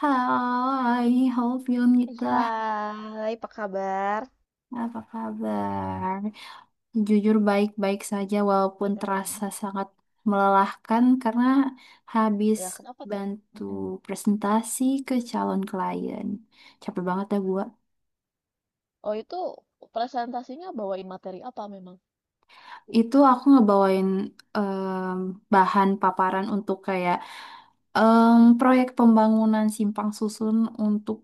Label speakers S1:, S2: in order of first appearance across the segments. S1: Hai, halo
S2: Ih,
S1: Filmita.
S2: hai, apa kabar?
S1: Apa kabar? Jujur baik-baik saja walaupun
S2: Mm-mm.
S1: terasa sangat melelahkan karena habis
S2: Ya, kenapa tuh?
S1: bantu
S2: Mm-mm.
S1: presentasi ke calon klien. Capek banget ya gua.
S2: Oh, itu presentasinya bawain materi apa memang?
S1: Itu aku ngebawain em, bahan paparan untuk kayak proyek pembangunan simpang susun untuk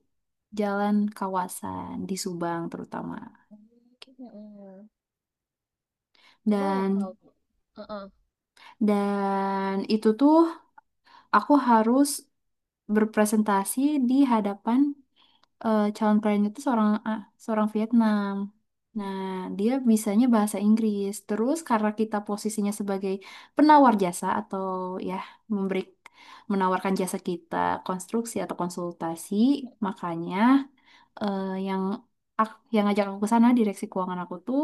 S1: jalan kawasan di Subang terutama.
S2: Mm-mm. Cuman kalau
S1: Dan
S2: uh
S1: dan itu tuh aku harus berpresentasi di hadapan calon kliennya itu seorang seorang Vietnam. Nah, dia bisanya bahasa Inggris. Terus karena kita posisinya sebagai penawar jasa atau ya memberi menawarkan jasa kita konstruksi atau konsultasi, makanya yang yang ngajak aku ke sana direksi keuangan aku tuh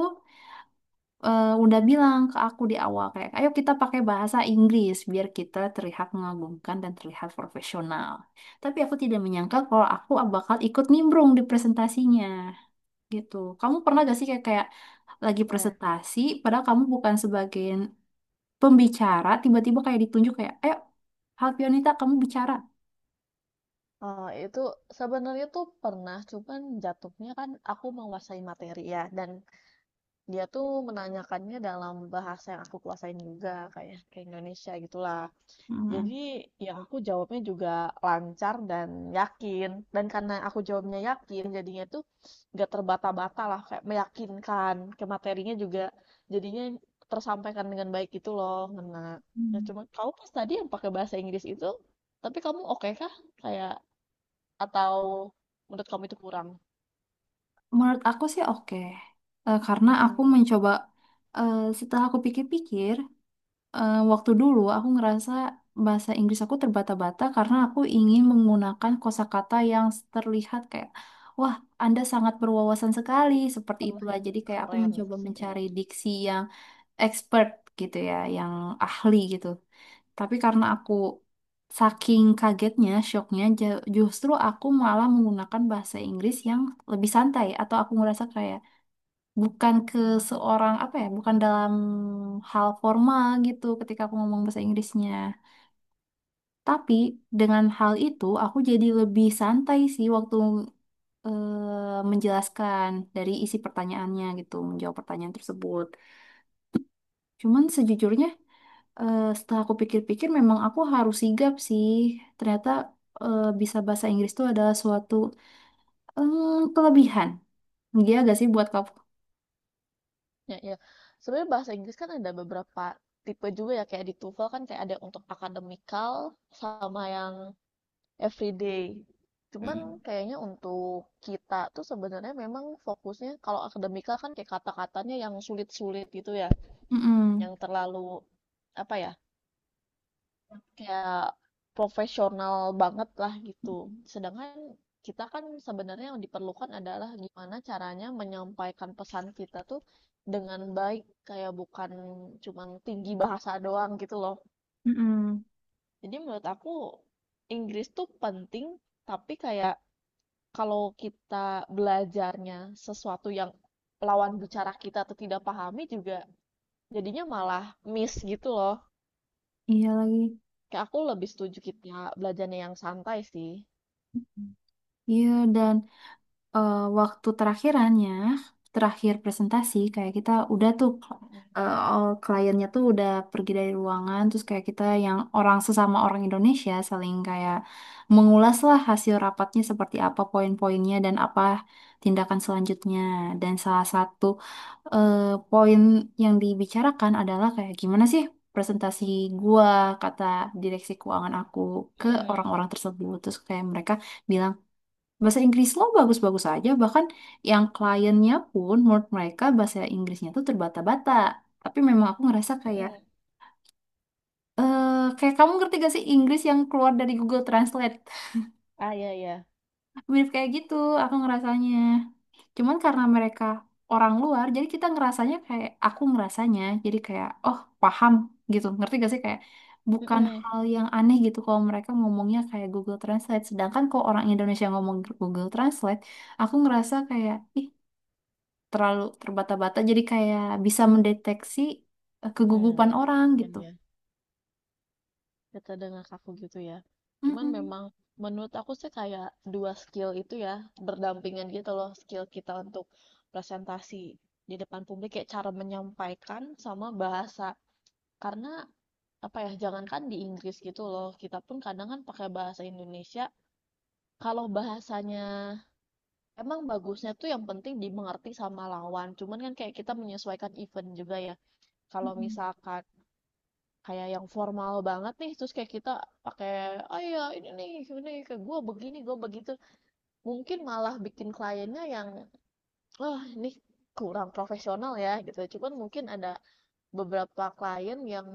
S1: udah bilang ke aku di awal kayak, ayo kita pakai bahasa Inggris biar kita terlihat mengagumkan dan terlihat profesional. Tapi aku tidak menyangka kalau aku bakal ikut nimbrung di presentasinya gitu. Kamu pernah gak sih kayak kayak lagi
S2: ya.
S1: presentasi, padahal kamu bukan sebagai pembicara, tiba-tiba kayak ditunjuk kayak, ayo Halpionita kamu bicara.
S2: Oh, itu sebenarnya tuh pernah, cuman jatuhnya kan aku menguasai materi ya, dan dia tuh menanyakannya dalam bahasa yang aku kuasain juga, kayak ke Indonesia gitulah. Jadi
S1: Hmm.
S2: ya aku jawabnya juga lancar dan yakin. Dan karena aku jawabnya yakin, jadinya tuh nggak terbata-bata lah, kayak meyakinkan. Ke materinya juga jadinya tersampaikan dengan baik gitu loh, ngena. Ya
S1: Hmm.
S2: cuma kamu pas tadi yang pakai bahasa Inggris itu, tapi kamu oke kah? Kayak, atau menurut kamu itu kurang?
S1: Menurut aku sih oke. Karena aku
S2: Mm-mm.
S1: mencoba, eh, setelah aku pikir-pikir. Waktu dulu aku ngerasa bahasa Inggris aku terbata-bata karena aku ingin menggunakan kosakata yang terlihat kayak, wah, Anda sangat berwawasan sekali, seperti
S2: Allah
S1: itulah.
S2: yang
S1: Jadi kayak aku
S2: keren
S1: mencoba
S2: sih.
S1: mencari diksi yang expert gitu ya, yang ahli gitu. Tapi karena aku saking kagetnya, shocknya, justru aku malah menggunakan bahasa Inggris yang lebih santai atau aku ngerasa kayak bukan ke seorang apa ya, bukan dalam hal formal gitu ketika aku ngomong bahasa Inggrisnya. Tapi dengan hal itu aku jadi lebih santai sih waktu menjelaskan dari isi pertanyaannya gitu, menjawab pertanyaan tersebut. Cuman sejujurnya setelah aku pikir-pikir memang aku harus sigap sih. Ternyata bisa bahasa Inggris itu adalah suatu kelebihan. Iya gak sih buat kamu?
S2: Ya, ya. Sebenarnya bahasa Inggris kan ada beberapa tipe juga ya, kayak di TOEFL kan kayak ada yang untuk akademikal sama yang everyday. Cuman
S1: Hmm.
S2: kayaknya untuk kita tuh sebenarnya memang fokusnya kalau akademikal kan kayak kata-katanya yang sulit-sulit gitu ya,
S1: Mm-mm.
S2: yang terlalu apa ya? Kayak profesional banget lah gitu. Sedangkan kita kan sebenarnya yang diperlukan adalah gimana caranya menyampaikan pesan kita tuh dengan baik, kayak bukan cuma tinggi bahasa doang gitu loh.
S1: Mm-mm.
S2: Jadi menurut aku Inggris tuh penting, tapi kayak kalau kita belajarnya sesuatu yang lawan bicara kita tuh tidak pahami juga jadinya malah miss gitu loh.
S1: Iya lagi.
S2: Kayak aku lebih setuju kita belajarnya yang santai sih.
S1: Iya, dan waktu terakhir presentasi, kayak kita udah tuh, all kliennya tuh udah pergi dari ruangan, terus kayak kita yang orang sesama orang Indonesia saling kayak mengulas lah hasil rapatnya seperti apa poin-poinnya dan apa tindakan selanjutnya. Dan salah satu eh, poin yang dibicarakan adalah kayak gimana sih presentasi gua, kata direksi keuangan aku ke
S2: Mhm,
S1: orang-orang tersebut. Terus kayak mereka bilang bahasa Inggris lo bagus-bagus aja, bahkan yang kliennya pun menurut mereka bahasa Inggrisnya tuh terbata-bata. Tapi memang aku ngerasa kayak,
S2: mhm.
S1: kayak kamu ngerti gak sih Inggris yang keluar dari Google Translate?
S2: Ah, iya iya.
S1: Mirip kayak gitu, aku ngerasanya. Cuman karena mereka orang luar, jadi kita ngerasanya kayak, aku ngerasanya, jadi kayak, oh paham gitu, ngerti gak sih kayak, bukan
S2: Hmm.
S1: hal yang aneh gitu kalau mereka ngomongnya kayak Google Translate. Sedangkan kalau orang Indonesia ngomong Google Translate, aku ngerasa kayak, ih terlalu terbata-bata jadi kayak bisa mendeteksi kegugupan
S2: Mmm,
S1: orang
S2: ya
S1: gitu.
S2: kita metode ngakaku gitu ya. Cuman
S1: Mm-mm.
S2: memang menurut aku sih kayak 2 skill itu ya, berdampingan gitu loh, skill kita untuk presentasi di depan publik kayak cara menyampaikan sama bahasa. Karena apa ya, jangankan di Inggris gitu loh, kita pun kadang kan pakai bahasa Indonesia, kalau bahasanya emang bagusnya tuh yang penting dimengerti sama lawan, cuman kan kayak kita menyesuaikan event juga ya. Kalau
S1: Mm-mm.
S2: misalkan kayak yang formal banget nih terus kayak kita pakai oh ya ini nih ini ke gue begini gue begitu, mungkin malah bikin kliennya yang wah ini kurang profesional ya gitu. Cuman mungkin ada beberapa klien yang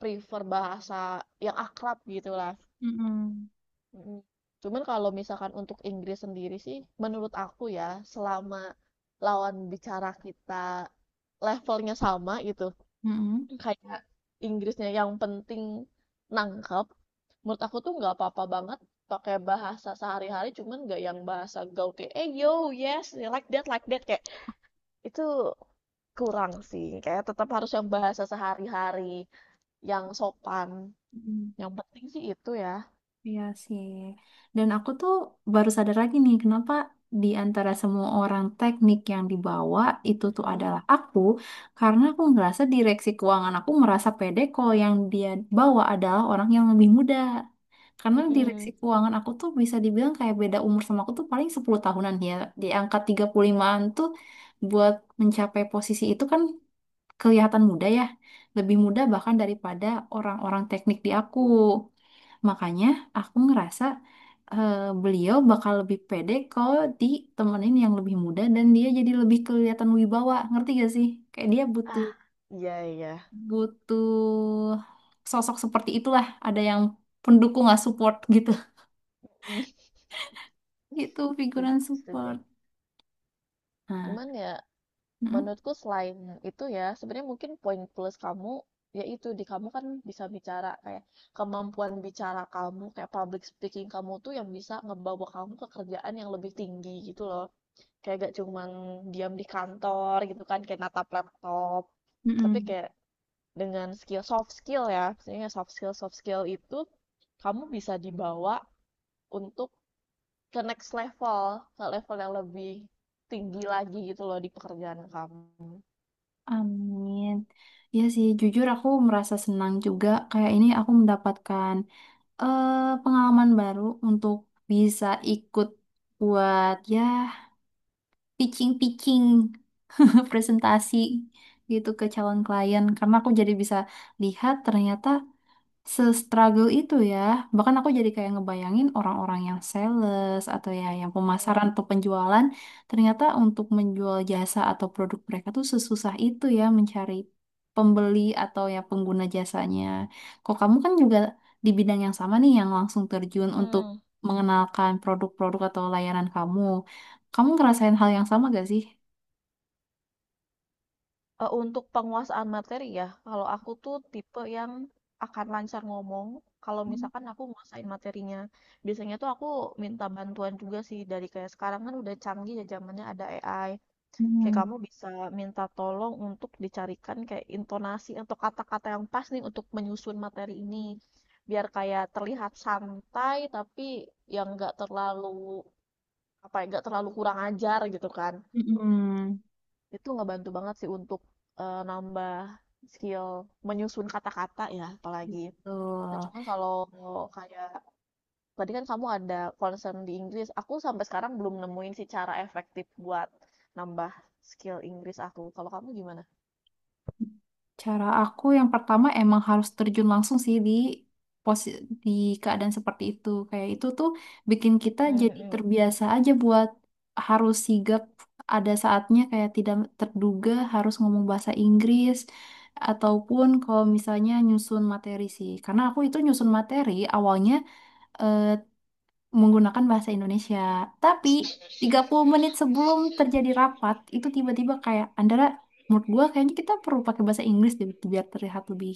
S2: prefer bahasa yang akrab gitu lah.
S1: Mm-mm.
S2: Mm. Cuman kalau misalkan untuk Inggris sendiri sih menurut aku ya selama lawan bicara kita levelnya sama gitu,
S1: Mm-mm.
S2: kayak Inggrisnya yang penting nangkep, menurut aku tuh nggak apa-apa banget pakai bahasa sehari-hari. Cuman nggak yang bahasa gaul kayak eh yo yes like that like that, kayak itu kurang sih. Kayak tetap harus yang bahasa sehari-hari yang sopan,
S1: Mm-mm.
S2: yang penting sih itu ya.
S1: Iya sih. Dan aku tuh baru sadar lagi nih kenapa di antara semua orang teknik yang dibawa itu tuh
S2: Mm-mm.
S1: adalah aku karena aku ngerasa direksi keuangan aku merasa pede kalau yang dia bawa adalah orang yang lebih muda. Karena direksi
S2: Mm-mm.
S1: keuangan aku tuh bisa dibilang kayak beda umur sama aku tuh paling 10 tahunan ya. Di angka 35-an tuh buat mencapai posisi itu kan kelihatan muda ya. Lebih muda bahkan daripada orang-orang teknik di aku. Makanya aku ngerasa eh, beliau bakal lebih pede kalau ditemenin yang lebih muda dan dia jadi lebih kelihatan wibawa. Ngerti gak sih? Kayak dia butuh
S2: Ah, iya iya.
S1: butuh sosok seperti itulah. Ada yang pendukung lah support gitu. Itu figuran
S2: Setuju, setuju,
S1: support. Nah,
S2: cuman ya
S1: mm-mm,
S2: menurutku selain itu ya, sebenarnya mungkin poin plus kamu, yaitu di kamu kan bisa bicara, kayak kemampuan bicara kamu, kayak public speaking kamu tuh yang bisa ngebawa kamu ke kerjaan yang lebih tinggi gitu loh. Kayak gak cuman diam di kantor gitu kan, kayak natap laptop. Tapi
S1: mm-mm.
S2: kayak dengan skill soft skill ya, maksudnya soft skill, soft skill itu kamu bisa dibawa untuk ke next level, ke level yang lebih tinggi lagi gitu loh di pekerjaan kamu.
S1: Amin. Ya sih, jujur aku merasa senang juga. Kayak ini aku mendapatkan eh, pengalaman baru untuk bisa ikut buat ya pitching-pitching presentasi gitu ke calon klien. Karena aku jadi bisa lihat ternyata se-struggle itu ya. Bahkan aku jadi kayak ngebayangin orang-orang yang sales atau ya yang pemasaran
S2: Mm.
S1: atau penjualan, ternyata untuk menjual jasa atau produk mereka tuh sesusah itu ya mencari pembeli atau ya pengguna jasanya. Kok kamu kan juga di bidang yang sama nih yang langsung terjun untuk
S2: Mmm,
S1: mengenalkan produk-produk atau layanan kamu. Kamu ngerasain hal yang sama gak sih?
S2: untuk penguasaan materi ya, kalau aku tuh tipe yang akan lancar ngomong kalau
S1: Hmm.
S2: misalkan aku nguasain materinya. Biasanya tuh aku minta bantuan juga sih dari kayak sekarang kan udah canggih ya zamannya ada AI, kayak
S1: Mm-mm.
S2: kamu bisa minta tolong untuk dicarikan kayak intonasi atau kata-kata yang pas nih untuk menyusun materi ini, biar kayak terlihat santai tapi yang nggak terlalu, apa ya, nggak terlalu kurang ajar gitu kan.
S1: Hmm,
S2: Itu ngebantu banget sih untuk, nambah skill menyusun kata-kata ya apalagi. Nah
S1: betul.
S2: cuman kalau kayak tadi kan kamu ada concern di Inggris, aku sampai sekarang belum nemuin sih cara efektif buat nambah skill Inggris aku. Kalau kamu gimana?
S1: Cara aku yang pertama emang harus terjun langsung sih di posi- di keadaan seperti itu. Kayak itu tuh bikin kita
S2: Mmm,
S1: jadi
S2: mhm.
S1: terbiasa aja buat harus sigap ada saatnya kayak tidak terduga harus ngomong bahasa Inggris ataupun kalau misalnya nyusun materi sih. Karena aku itu nyusun materi awalnya eh, menggunakan bahasa Indonesia. Tapi 30 menit sebelum terjadi rapat, itu tiba-tiba kayak Andara, menurut gua kayaknya kita perlu pakai bahasa Inggris deh gitu biar terlihat lebih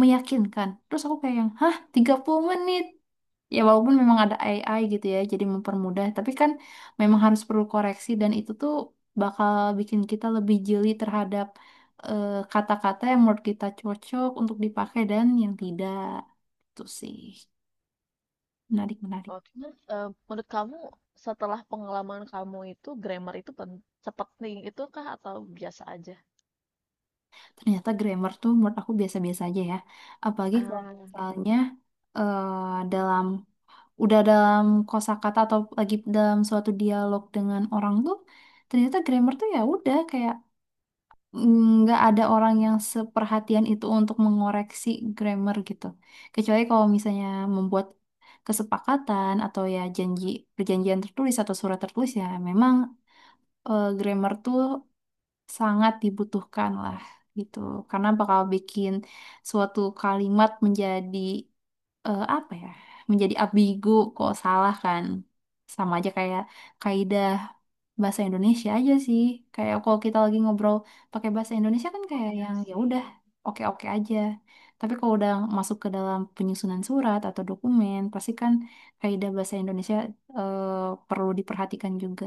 S1: meyakinkan. Terus aku kayak yang, hah 30 menit? Ya walaupun memang ada AI gitu ya, jadi mempermudah. Tapi kan memang harus perlu koreksi dan itu tuh bakal bikin kita lebih jeli terhadap kata-kata yang menurut kita cocok untuk dipakai dan yang tidak. Itu sih. Menarik, menarik.
S2: Oh cuman, menurut kamu setelah pengalaman kamu itu grammar itu sepenting itu kah atau biasa aja?
S1: Ternyata grammar tuh menurut aku biasa-biasa aja ya. Apalagi kalau
S2: Ah,
S1: misalnya eh, dalam udah dalam kosakata atau lagi dalam suatu dialog dengan orang tuh ternyata grammar tuh ya udah kayak nggak ada orang yang seperhatian itu untuk mengoreksi grammar gitu. Kecuali kalau misalnya membuat kesepakatan atau ya janji perjanjian tertulis atau surat tertulis ya memang grammar tuh sangat dibutuhkan lah gitu, karena bakal bikin suatu kalimat menjadi apa ya, menjadi ambigu kok salah kan. Sama aja kayak kaidah bahasa Indonesia aja sih, kayak kalau kita lagi ngobrol pakai bahasa Indonesia kan
S2: oh
S1: kayak
S2: iya
S1: yang ya
S2: sih.
S1: udah oke oke aja, tapi kalau udah masuk ke dalam penyusunan surat atau dokumen pasti kan kaidah bahasa Indonesia eh, perlu diperhatikan juga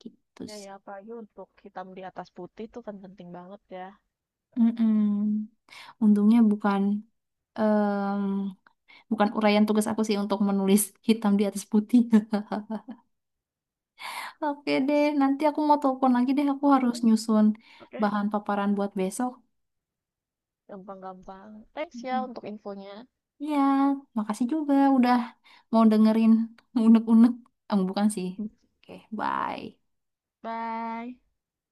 S1: gitu
S2: Iya
S1: sih.
S2: ya apalagi untuk hitam di atas putih itu kan penting banget ya.
S1: Mm-mm. Untungnya bukan em, bukan uraian tugas aku sih untuk menulis hitam di atas putih. Oke deh, nanti aku mau telepon lagi deh. Aku harus nyusun
S2: Oke,
S1: bahan paparan buat besok.
S2: gampang-gampang. Thanks ya
S1: Mhm.
S2: untuk infonya.
S1: Ya, makasih juga udah mau dengerin unek-unek. Bukan sih. Oke, bye.
S2: Bye.